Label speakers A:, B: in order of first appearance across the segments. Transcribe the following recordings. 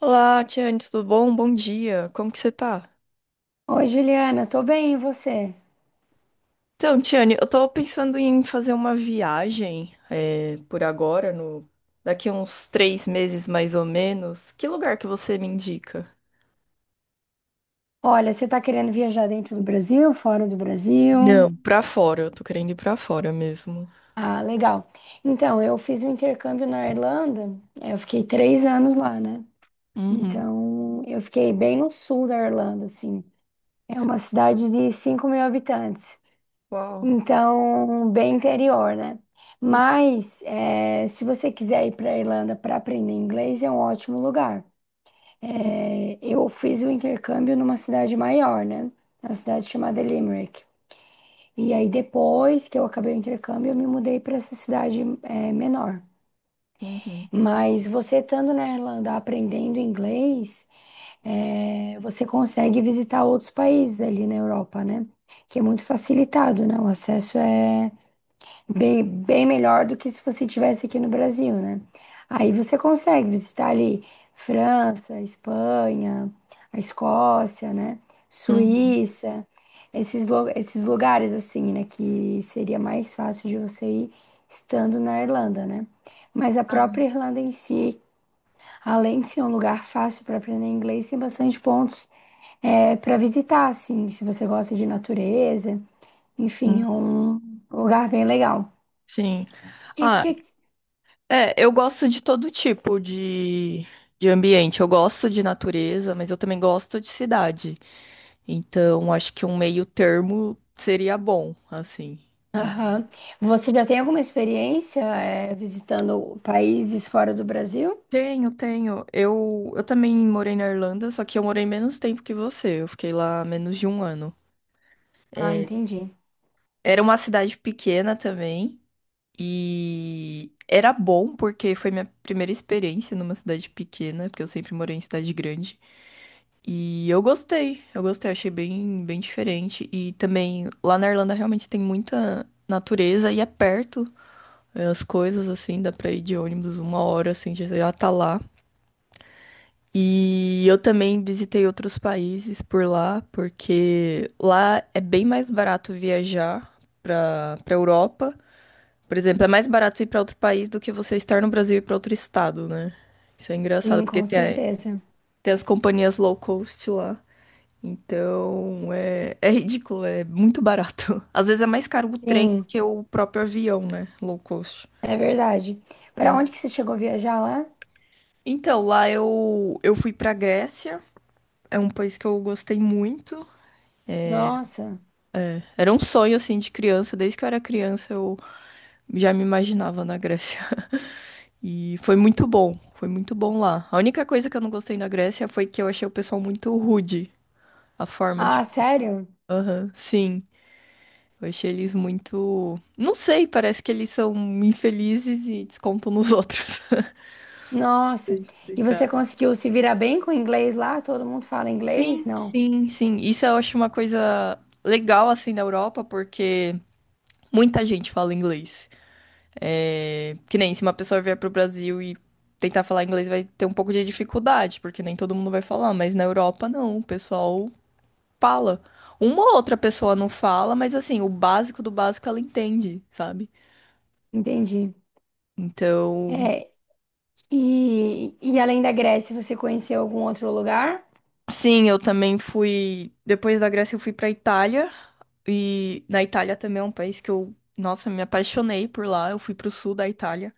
A: Olá, Tiane, tudo bom? Bom dia. Como que você tá?
B: Oi, Juliana, tô bem, e você?
A: Então, Tiane, eu tô pensando em fazer uma viagem por agora, no daqui uns 3 meses mais ou menos. Que lugar que você me indica?
B: Olha, você tá querendo viajar dentro do Brasil, fora do Brasil?
A: Não, pra fora. Eu tô querendo ir pra fora mesmo.
B: Ah, legal. Então, eu fiz um intercâmbio na Irlanda, eu fiquei 3 anos lá, né?
A: Uhum.
B: Então, eu fiquei bem no sul da Irlanda, assim. É uma cidade de 5 mil habitantes,
A: Uau.
B: então, bem interior, né?
A: Uhum.
B: Mas, se você quiser ir para a Irlanda para aprender inglês, é um ótimo lugar. É, eu fiz o intercâmbio numa cidade maior, né? Na cidade chamada Limerick. E aí, depois que eu acabei o intercâmbio, eu me mudei para essa cidade, menor.
A: Uhum.
B: Mas você estando na Irlanda aprendendo inglês, você consegue visitar outros países ali na Europa, né? Que é muito facilitado, né? O acesso é. Bem, bem melhor do que se você tivesse aqui no Brasil, né? Aí você consegue visitar ali França, Espanha, a Escócia, né? Suíça, esses lugares assim, né? Que seria mais fácil de você ir estando na Irlanda, né? Mas a própria Irlanda em si, além de ser um lugar fácil para aprender inglês, tem bastante pontos para visitar, assim, se você gosta de natureza, enfim,
A: Uhum.
B: é um lugar bem legal. O
A: Sim.
B: que,
A: Ah.
B: que.
A: É, eu gosto de todo tipo de ambiente. Eu gosto de natureza, mas eu também gosto de cidade. Então, acho que um meio termo seria bom, assim. E
B: Aham. Você já tem alguma experiência, visitando países fora do Brasil?
A: tenho, tenho. Eu também morei na Irlanda, só que eu morei menos tempo que você. Eu fiquei lá menos de um ano.
B: Ah,
A: É,
B: entendi.
A: era uma cidade pequena também. E era bom porque foi minha primeira experiência numa cidade pequena, porque eu sempre morei em cidade grande. E eu gostei, achei bem, bem diferente. E também lá na Irlanda realmente tem muita natureza e é perto as coisas, assim, dá pra ir de ônibus uma hora, assim, já já tá lá. E eu também visitei outros países por lá, porque lá é bem mais barato viajar pra Europa. Por exemplo, é mais barato ir pra outro país do que você estar no Brasil e ir pra outro estado, né? Isso é engraçado,
B: Sim,
A: porque
B: com certeza.
A: tem as companhias low cost lá. Então, é ridículo, é muito barato. Às vezes é mais caro o trem do
B: Sim,
A: que o próprio avião, né? Low cost.
B: é verdade. Para onde que você chegou a viajar lá?
A: Então, lá eu fui pra Grécia. É um país que eu gostei muito.
B: Nossa.
A: Era um sonho, assim, de criança. Desde que eu era criança, eu já me imaginava na Grécia. E foi muito bom. Foi muito bom lá. A única coisa que eu não gostei na Grécia foi que eu achei o pessoal muito rude. A forma
B: Ah,
A: de.
B: sério?
A: Aham, sim. Eu achei eles muito. Não sei, parece que eles são infelizes e descontam nos outros. Sei
B: Nossa. E você
A: explicar.
B: conseguiu se virar bem com o inglês lá? Todo mundo fala inglês?
A: Sim,
B: Não.
A: sim, sim. Isso eu acho uma coisa legal assim da Europa, porque muita gente fala inglês. Que nem se uma pessoa vier pro Brasil e tentar falar inglês vai ter um pouco de dificuldade, porque nem todo mundo vai falar, mas na Europa não, o pessoal fala. Uma ou outra pessoa não fala, mas assim, o básico do básico ela entende, sabe?
B: Entendi.
A: Então,
B: É, e além da Grécia, você conheceu algum outro lugar?
A: sim, eu também fui. Depois da Grécia, eu fui pra Itália. E na Itália também é um país que eu, nossa, me apaixonei por lá. Eu fui pro sul da Itália,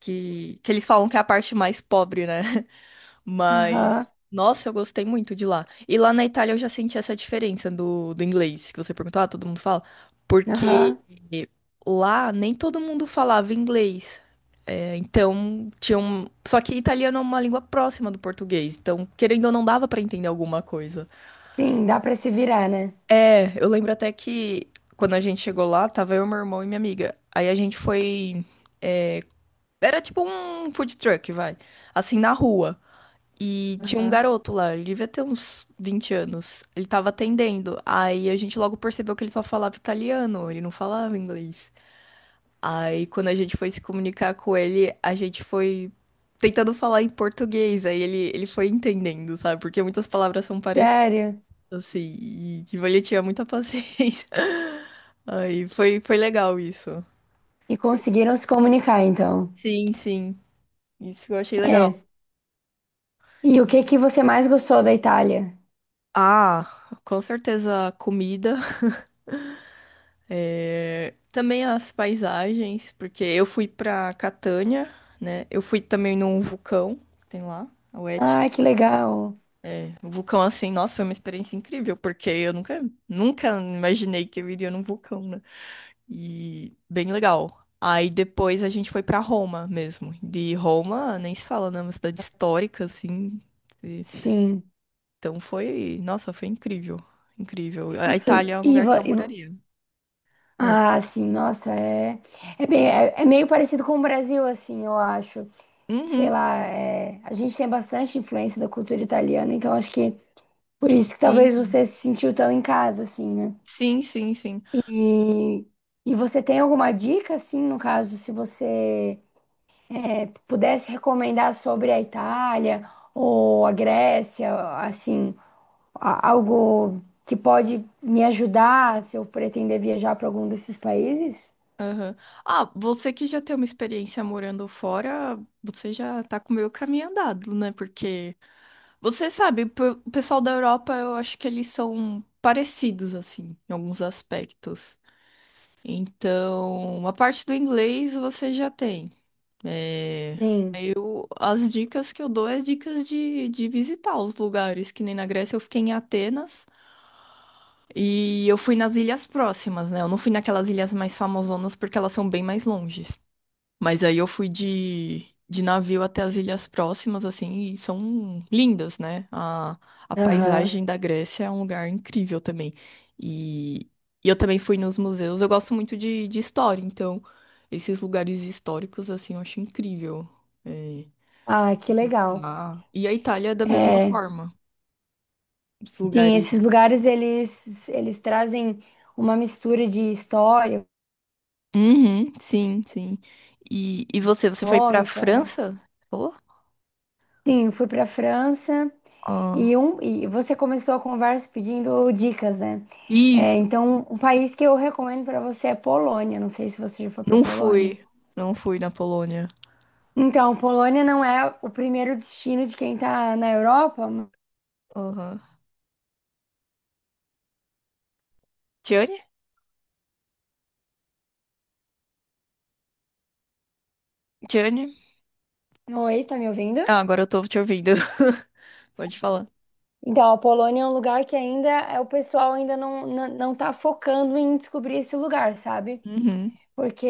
A: que eles falam que é a parte mais pobre, né?
B: Aham,
A: Mas, nossa, eu gostei muito de lá. E lá na Itália eu já senti essa diferença do inglês, que você perguntou, ah, todo mundo fala. Porque
B: aham.
A: lá nem todo mundo falava inglês. É, então, tinha um. Só que italiano é uma língua próxima do português. Então, querendo ou não, dava pra entender alguma coisa.
B: Sim, dá para se virar, né?
A: É, eu lembro até que quando a gente chegou lá, tava eu, meu irmão e minha amiga. Aí a gente foi. Era tipo um food truck, vai. Assim, na rua. E tinha um
B: Aham.
A: garoto lá, ele devia ter uns 20 anos. Ele tava atendendo. Aí a gente logo percebeu que ele só falava italiano, ele não falava inglês. Aí quando a gente foi se comunicar com ele, a gente foi tentando falar em português. Aí ele foi entendendo, sabe? Porque muitas palavras são
B: Sério?
A: assim, e tipo, ele tinha muita paciência. Aí foi legal isso.
B: E conseguiram se comunicar, então.
A: Sim, sim, isso eu achei legal.
B: É. E o que que você mais gostou da Itália?
A: Ah, com certeza a comida, também as paisagens, porque eu fui pra Catânia, né? Eu fui também num vulcão, que tem lá, o Etna.
B: Ah, que legal.
A: Um vulcão assim, nossa, foi uma experiência incrível, porque eu nunca, nunca imaginei que eu iria num vulcão, né? E bem legal. Aí depois a gente foi pra Roma mesmo. De Roma, nem se fala, né? Uma cidade histórica, assim. E-
B: Sim.
A: Então foi. Nossa, foi incrível. Incrível. A
B: E, foi-
A: Itália é um
B: e,
A: lugar que
B: vo-
A: eu
B: e vo-
A: moraria. Ah,
B: ah, sim, nossa, é, é, bem, é, é meio parecido com o Brasil, assim, eu acho. Sei
A: uhum,
B: lá, a gente tem bastante influência da cultura italiana, então acho que por isso que talvez
A: sim.
B: você se sentiu tão em casa, assim, né?
A: Sim, sim, sim.
B: E, e você tem alguma dica, assim, no caso, se você pudesse recomendar sobre a Itália ou a Grécia, assim, algo que pode me ajudar se eu pretender viajar para algum desses países?
A: Aham. Ah, você que já tem uma experiência morando fora, você já tá com o meio caminho andado, né? Porque você sabe, o pessoal da Europa, eu acho que eles são parecidos, assim, em alguns aspectos. Então, uma parte do inglês você já tem. É,
B: Sim.
A: as dicas que eu dou é dicas de visitar os lugares, que nem na Grécia eu fiquei em Atenas e eu fui nas ilhas próximas, né? Eu não fui naquelas ilhas mais famosonas porque elas são bem mais longe. Mas aí eu fui de navio até as ilhas próximas, assim, e são lindas, né? A
B: Aham.
A: paisagem da Grécia é um lugar incrível também. E, e eu também fui nos museus. Eu gosto muito de história, então esses lugares históricos, assim, eu acho incrível é,
B: Ah, que legal.
A: visitar. E a Itália é da mesma
B: É,
A: forma. Os
B: sim,
A: lugares.
B: esses lugares eles trazem uma mistura de história,
A: Uhum, sim, sim. E você, foi pra
B: econômica.
A: França? Falou?
B: Sim, fui para a França.
A: Ah,
B: E você começou a conversa pedindo dicas, né? É,
A: isso,
B: então, um país que eu recomendo para você é Polônia. Não sei se você já foi para
A: não fui.
B: Polônia.
A: Não fui na Polônia.
B: Então, Polônia não é o primeiro destino de quem tá na Europa.
A: Aham. Johnny? Johnny?
B: Oi, tá me ouvindo?
A: Ah, agora eu tô te ouvindo. Pode falar.
B: Então, a Polônia é um lugar que ainda é o pessoal ainda não tá focando em descobrir esse lugar, sabe?
A: Uhum.
B: Porque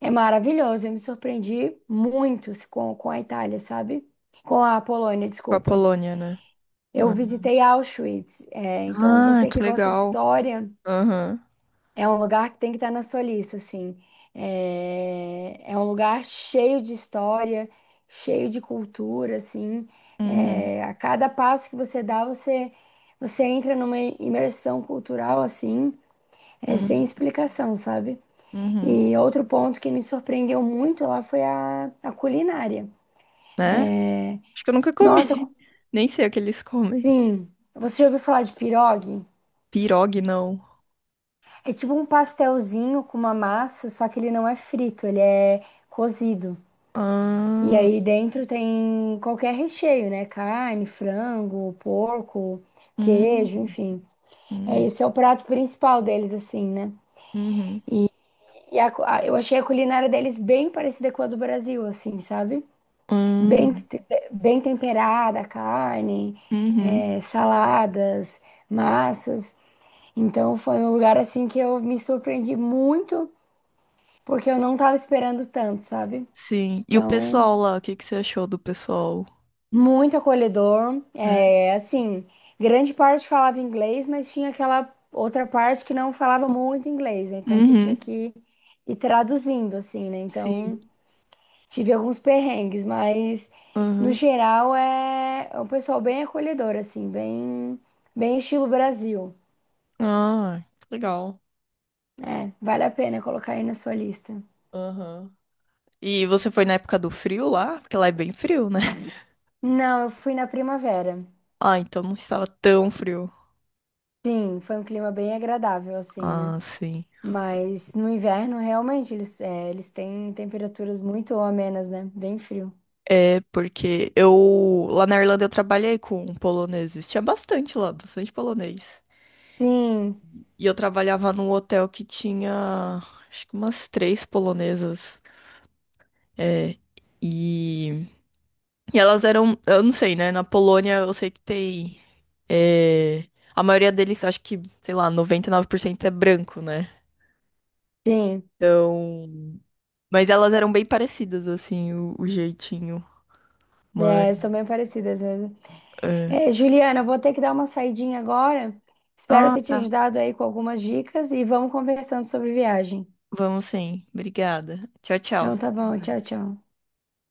B: é maravilhoso. Eu me surpreendi muito com a Itália, sabe? Com a Polônia,
A: Com a
B: desculpa.
A: Polônia, né?
B: Eu
A: Ah,
B: visitei Auschwitz, então
A: ah,
B: você
A: que
B: que gosta de
A: legal.
B: história,
A: Aham.
B: é um lugar que tem que estar na sua lista, assim. É um lugar cheio de história, cheio de cultura, assim.
A: Uhum.
B: É, a cada passo que você dá, você entra numa imersão cultural, assim,
A: Uhum.
B: sem explicação, sabe?
A: Uhum.
B: E outro ponto que me surpreendeu muito lá foi a culinária.
A: Né? Acho que eu nunca
B: Nossa,
A: comi. Nem sei o que eles comem.
B: sim, você já ouviu falar de pirogue?
A: Pirogue, não.
B: É tipo um pastelzinho com uma massa, só que ele não é frito, ele é cozido. E
A: Ah.
B: aí dentro tem qualquer recheio, né? Carne, frango, porco,
A: Hum.
B: queijo, enfim. É,
A: Hum.
B: esse é o prato principal deles, assim, né?
A: Uhum.
B: E eu achei a culinária deles bem parecida com a do Brasil, assim, sabe? Bem,
A: Hum.
B: te- bem temperada, a carne,
A: Uhum.
B: saladas, massas. Então foi um lugar assim que eu me surpreendi muito porque eu não tava esperando tanto, sabe?
A: Sim. E o
B: Então,
A: pessoal lá, o que que você achou do pessoal?
B: muito acolhedor.
A: Né?
B: É, assim, grande parte falava inglês, mas tinha aquela outra parte que não falava muito inglês, né? Então você tinha
A: Uhum.
B: que ir traduzindo, assim, né? Então,
A: Sim.
B: tive alguns perrengues, mas no
A: Uhum.
B: geral é um pessoal bem acolhedor, assim, bem, bem estilo Brasil.
A: Ah, que legal.
B: É, vale a pena colocar aí na sua lista.
A: Aham. E você foi na época do frio lá? Porque lá é bem frio, né?
B: Não, eu fui na primavera.
A: Ah, então não estava tão frio.
B: Sim, foi um clima bem agradável, assim, né?
A: Ah, sim.
B: Mas no inverno, realmente, eles têm temperaturas muito amenas, né? Bem frio.
A: É, porque lá na Irlanda eu trabalhei com poloneses. Tinha bastante lá, bastante polonês.
B: Sim,
A: E eu trabalhava num hotel que tinha, acho que umas três polonesas. É, e, e elas eram, eu não sei, né? Na Polônia eu sei que tem. é, a maioria deles, acho que, sei lá, 99% é branco, né?
B: sim.
A: Então. Mas elas eram bem parecidas, assim, o jeitinho. Mas.
B: É, são bem parecidas mesmo.
A: É.
B: É, Juliana, eu vou ter que dar uma saidinha agora. Espero
A: Ah,
B: ter te
A: tá.
B: ajudado aí com algumas dicas e vamos conversando sobre viagem.
A: Vamos sim. Obrigada. Tchau, tchau.
B: Então tá
A: Até
B: bom, tchau,
A: mais.
B: tchau.